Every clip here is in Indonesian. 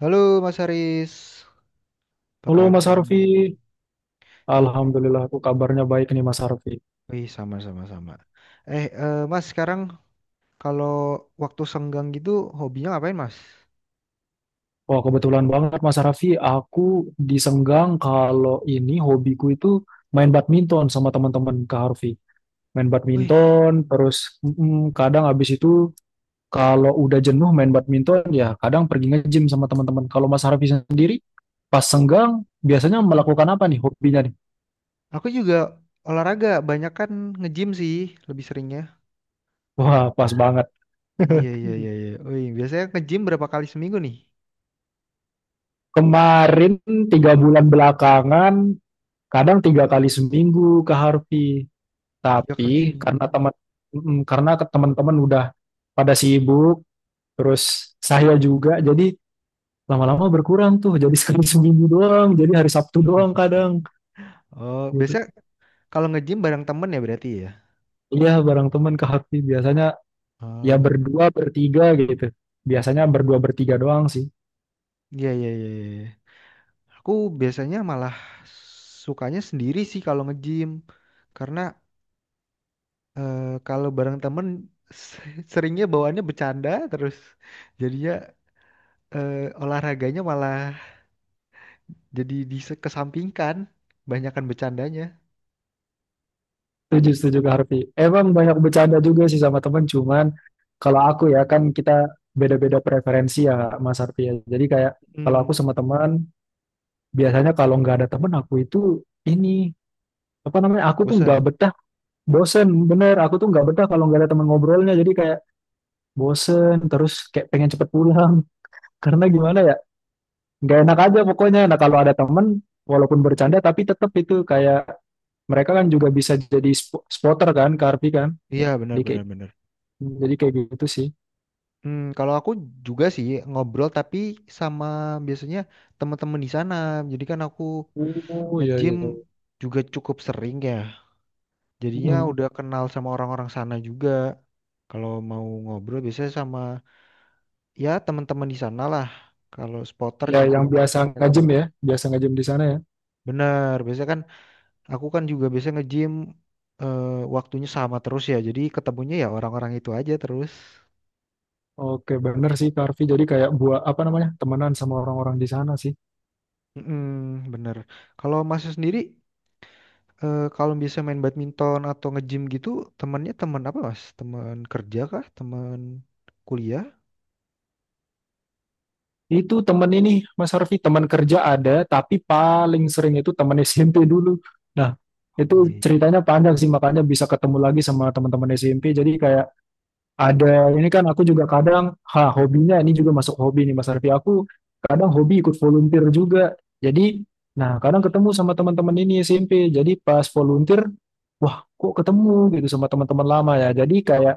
Halo Mas Haris, apa Halo Mas kabar? Harfi, Iya, Alhamdulillah aku kabarnya baik nih Mas Harfi. wih sama-sama sama. Mas sekarang kalau waktu senggang gitu hobinya ngapain Mas? Wah kebetulan banget Mas Harfi, aku disenggang kalau ini hobiku itu main badminton sama teman-teman Kak Harfi. Main Wih, badminton, terus kadang habis itu kalau udah jenuh main badminton ya kadang pergi nge-gym sama teman-teman. Kalau Mas Harfi sendiri pas senggang biasanya hmm. melakukan apa nih hobinya nih? Aku juga olahraga, banyak kan nge-gym sih lebih seringnya. Wah pas banget. Iya iya iya iya. Wih, biasanya nge-gym berapa kali seminggu nih? Kemarin tiga bulan belakangan, kadang tiga kali seminggu ke Harvey. 3 kali Tapi seminggu. karena teman-teman udah pada sibuk, terus saya juga jadi lama-lama berkurang tuh. Jadi sekali seminggu doang, jadi hari Sabtu doang kadang Oh, gitu. biasanya kalau nge-gym bareng temen ya berarti ya? Iya, bareng teman ke Hakti biasanya ya Oh, berdua bertiga gitu. Biasanya berdua bertiga doang sih. iya iya iya, iya. Aku biasanya malah sukanya sendiri sih kalau nge-gym. Karena eh, kalau bareng temen seringnya bawaannya bercanda terus jadinya olahraganya malah jadi dikesampingkan, banyakan bercandanya. Setuju, setuju ke Harvey. Emang banyak bercanda juga sih sama temen, cuman kalau aku ya kan kita beda-beda preferensi ya Mas Harvey ya. Jadi kayak kalau Hmm, aku sama teman, biasanya kalau nggak ada temen aku itu ini apa namanya aku tuh nggak bosen. betah bosen bener aku tuh nggak betah kalau nggak ada teman ngobrolnya jadi kayak bosen terus kayak pengen cepet pulang, karena gimana ya nggak enak aja pokoknya. Nah kalau ada temen walaupun bercanda tapi tetap itu kayak mereka kan juga bisa jadi spotter kan karpi kan, Iya benar jadi kayak benar benar. jadi kayak gitu sih. Hmm, kalau aku juga sih ngobrol tapi sama biasanya teman-teman di sana. Jadi kan aku Oh iya nge-gym iya. juga cukup sering ya. Jadinya Mm. udah kenal sama orang-orang sana juga. Kalau mau ngobrol biasanya sama ya teman-teman di sana lah. Kalau spotter Ya juga yang biasa biasanya ngajem kebantu. ya biasa ngajem di sana ya. Bener, biasanya kan aku kan juga biasanya nge-gym eh, waktunya sama terus ya. Jadi ketemunya ya orang-orang itu aja terus. Oke bener sih Karvi, jadi kayak buat apa namanya temenan sama orang-orang di sana sih. Mm-mm, bener. Kalau masnya sendiri kalau bisa main badminton atau nge-gym gitu, temennya teman apa mas? Teman kerja kah? Teman kuliah? Itu temen ini, Mas Harfi, teman kerja ada, tapi paling sering itu teman SMP dulu. Nah, Iya, itu iya. ceritanya panjang sih, makanya bisa ketemu lagi sama teman-teman SMP. Jadi kayak ada, ini kan aku juga kadang, ha, hobinya ini juga masuk hobi nih Mas Harfi. Aku kadang hobi ikut volunteer juga. Jadi, nah kadang ketemu sama teman-teman ini SMP. Jadi pas volunteer, wah kok ketemu gitu sama teman-teman lama ya. Jadi kayak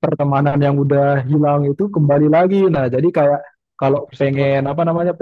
pertemanan yang udah hilang itu kembali lagi. Nah, jadi kayak kalau Dipersatukan pengen apa hobi. namanya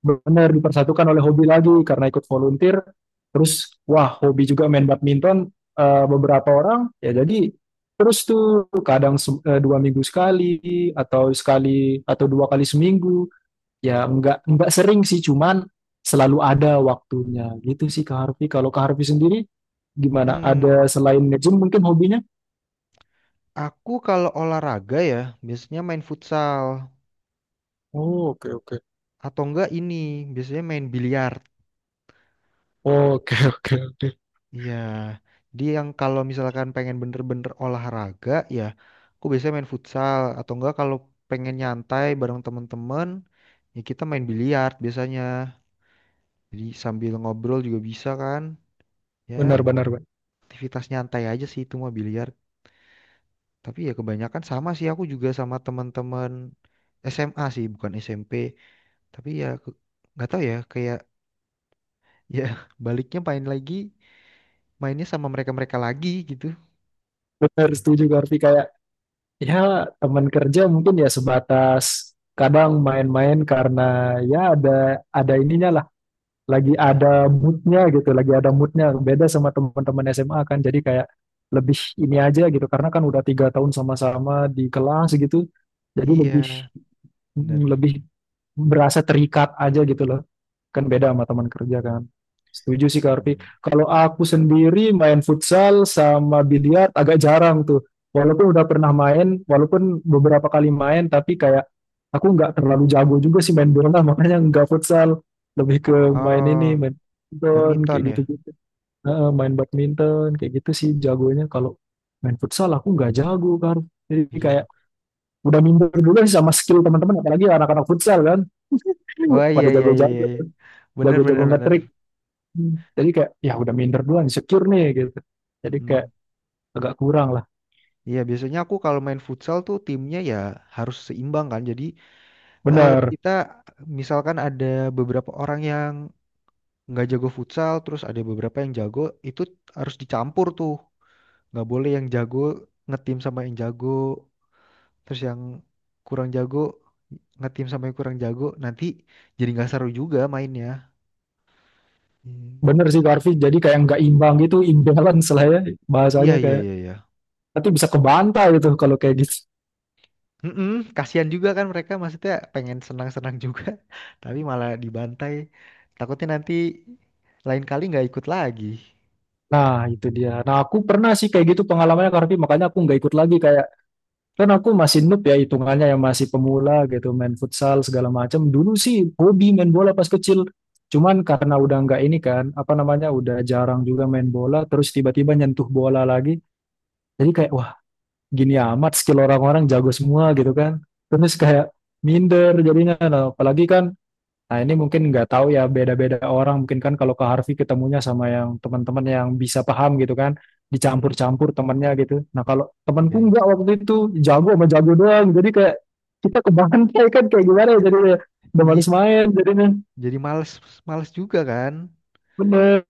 benar dipersatukan oleh hobi lagi karena ikut volunteer. Terus wah hobi juga main badminton beberapa orang ya, jadi terus tuh kadang dua minggu sekali atau dua kali seminggu ya nggak sering sih cuman selalu ada waktunya gitu sih Kak Harfi. Kalau Kak Harfi sendiri gimana ada Hmm, selain nge-gym mungkin hobinya? aku kalau olahraga ya biasanya main futsal. Oh, oke oke. Atau enggak ini biasanya main biliar. Oke oke oke. Iya, dia yang kalau misalkan pengen bener-bener olahraga ya, aku biasanya main futsal atau enggak kalau pengen nyantai bareng temen-temen ya kita main biliar biasanya. Jadi sambil ngobrol juga bisa kan? Ya, Benar benar benar. aktivitas nyantai aja sih itu mah biliar. Tapi ya kebanyakan sama sih aku juga sama temen-temen SMA sih, bukan SMP. Tapi ya nggak tahu ya kayak ya baliknya main lagi, mainnya sama mereka-mereka lagi gitu. Setuju Kak Harfi kayak, ya, teman kerja mungkin ya sebatas kadang main-main karena ya ada ininya lah, lagi Iya, ada iya, moodnya gitu, lagi ada moodnya. Beda sama teman-teman SMA kan, jadi kayak lebih ini aja gitu, karena kan udah tiga tahun sama-sama di kelas gitu, jadi lebih iya, bener. lebih berasa terikat aja gitu loh. Kan beda sama teman kerja kan. Setuju sih Kak Arfi. Hmm. Kalau aku sendiri main futsal sama biliar agak jarang tuh. Walaupun udah pernah main, walaupun beberapa kali main, tapi kayak aku nggak terlalu jago juga sih main bola, makanya nggak futsal. Lebih ke main ini, Oh, main badminton, badminton kayak ya? gitu-gitu. Heeh, main badminton, kayak gitu sih jagonya. Kalau main futsal aku nggak jago kan. Jadi Iya. kayak udah minder dulu sih sama skill teman-teman, apalagi anak-anak futsal kan. Oh, iya Pada iya iya iya, jago-jago, iya. Bener bener jago-jago bener. Hmm. Jadi kayak ya udah minder duluan, secure nih gitu. Jadi kayak Mm-mm. agak kurang lah. Iya biasanya aku kalau main futsal tuh timnya ya harus seimbang kan. Jadi Bener, kita misalkan ada beberapa orang yang nggak jago futsal, terus ada beberapa yang jago, itu harus dicampur tuh. Nggak boleh yang jago ngetim sama yang jago, terus yang kurang jago ngetim sama yang kurang jago. Nanti jadi nggak seru juga mainnya. Hmm. bener sih Karvi. Jadi kayak nggak imbang gitu, imbalance lah ya Iya bahasanya iya kayak. iya iya. Nanti bisa kebanta gitu kalau kayak gitu. Mm-mm, kasihan juga kan mereka maksudnya pengen senang-senang juga, tapi malah dibantai. Takutnya nanti lain kali nggak ikut lagi. Nah itu dia. Nah aku pernah sih kayak gitu pengalamannya Karvi, makanya aku nggak ikut lagi kayak kan aku masih noob ya hitungannya ya masih pemula gitu main futsal segala macam. Dulu sih hobi main bola pas kecil. Cuman karena udah nggak ini kan, apa namanya, udah jarang juga main bola, terus tiba-tiba nyentuh bola lagi. Jadi kayak, wah gini amat skill orang-orang jago semua gitu kan. Terus kayak minder jadinya. Nah, apalagi kan, nah ini mungkin nggak tahu ya beda-beda orang. Mungkin kan kalau ke Harvey ketemunya sama yang teman-teman yang bisa paham gitu kan. Mm-mm. Dicampur-campur temennya gitu. Nah kalau temanku Iya nggak iya. waktu itu jago sama jago doang. Jadi kayak kita kebantai kan kayak gimana ya jadinya. Udah Iya, males main jadinya. jadi males males juga kan. Bener,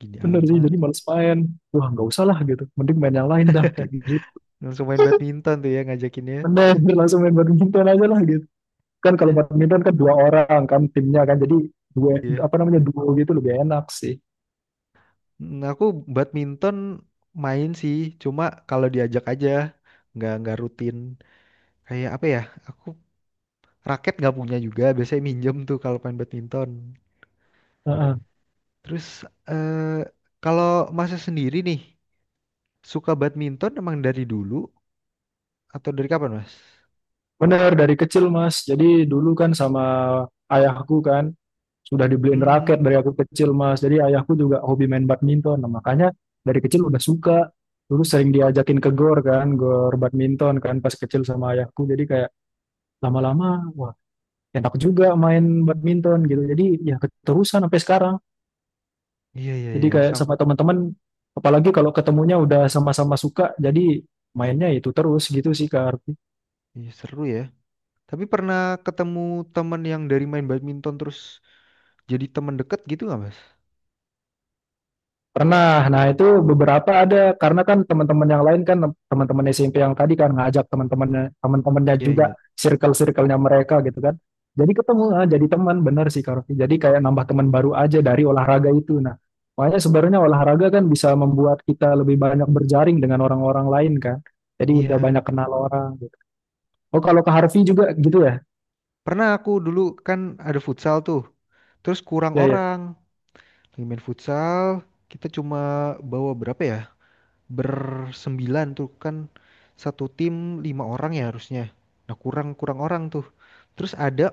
Gini bener sih. amat. Jadi males main. Wah nggak usah lah gitu. Mending main yang lain dah kayak gitu. Langsung main badminton tuh ya ngajakinnya. Bener, langsung main badminton aja lah gitu. Kan kalau badminton kan dua orang kan timnya kan, jadi dua Iya. apa namanya duo gitu lebih enak sih. Mm, aku badminton main sih, cuma kalau diajak aja nggak rutin. Kayak apa ya? Aku raket nggak punya juga, biasanya minjem tuh kalau main badminton. Heeh. Terus eh, kalau Masnya sendiri nih suka badminton emang dari dulu atau dari kapan, Mas? Bener dari kecil mas, jadi dulu kan sama ayahku kan sudah dibeliin raket Hmm, dari aku kecil mas, jadi ayahku juga hobi main badminton. Nah, makanya dari kecil udah suka, dulu sering diajakin ke gor kan, gor badminton kan pas kecil sama ayahku jadi kayak lama-lama, wah enak juga main badminton gitu, jadi ya keterusan sampai sekarang. iya iya Jadi iya kayak sama. sama teman-teman, apalagi kalau ketemunya udah sama-sama suka, jadi mainnya itu terus gitu sih Kak Arfi. Iya, seru ya. Tapi pernah ketemu temen yang dari main badminton terus jadi temen deket gitu nggak, Mas? Pernah, nah itu beberapa ada, karena kan teman-teman yang lain kan, teman-teman SMP yang tadi kan ngajak teman-temannya, teman-temannya Iya juga, iya. circle-circle-nya mereka gitu kan. Jadi ketemu, ah, jadi teman, bener sih Kak Arfi. Jadi kayak nambah teman baru aja dari olahraga itu. Nah, makanya sebenarnya olahraga kan bisa membuat kita lebih banyak berjaring dengan orang-orang lain kan. Jadi udah Iya. banyak kenal orang gitu. Oh kalau ke Harvey juga gitu ya? Pernah aku dulu kan ada futsal tuh. Terus kurang Ya ya. orang. Lagi main futsal, kita cuma bawa berapa ya? Bersembilan tuh kan satu tim 5 orang ya harusnya. Nah kurang kurang orang tuh. Terus ada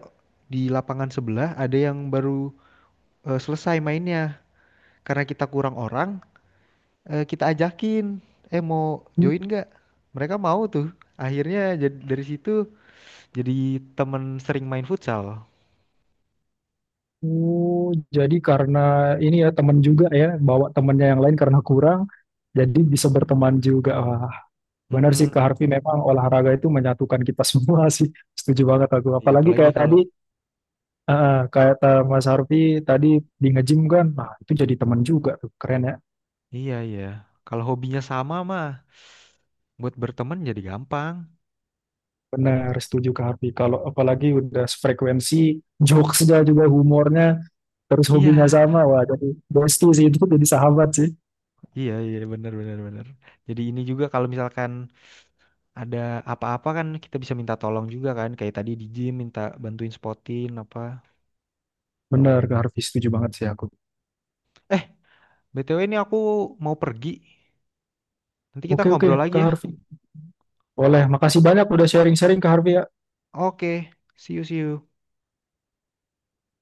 di lapangan sebelah ada yang baru selesai mainnya. Karena kita kurang orang, kita ajakin, mau join nggak? Mereka mau tuh. Akhirnya dari situ jadi temen sering main futsal. Oh, jadi karena ini ya teman juga ya, bawa temennya yang lain karena kurang, jadi bisa berteman juga. Wah, benar sih Mm-mm. Kak Harvey, memang olahraga itu menyatukan kita semua sih. Setuju banget aku. Iya Apalagi apalagi kayak tadi, kalau Mas Harvey tadi di nge-gym kan, nah itu jadi teman juga tuh, keren ya. iya iya kalau hobinya sama mah buat berteman jadi gampang. Benar, setuju Kak Harvey. Kalau apalagi udah frekuensi, jokesnya juga humornya, terus hobinya Iya. sama, wah jadi bestie sih itu, jadi sahabat sih. Iya, iya, benar, benar, benar. Jadi ini juga kalau misalkan ada apa-apa kan kita bisa minta tolong juga kan. Kayak tadi di gym minta bantuin spotin apa. Benar Kak Harvey, setuju banget sih aku. Eh, BTW ini aku mau pergi. Nanti kita Oke oke ngobrol Kak lagi ya. Harvey. Boleh, makasih banyak udah sharing-sharing Kak Harvey ya. Oke, see you, see you.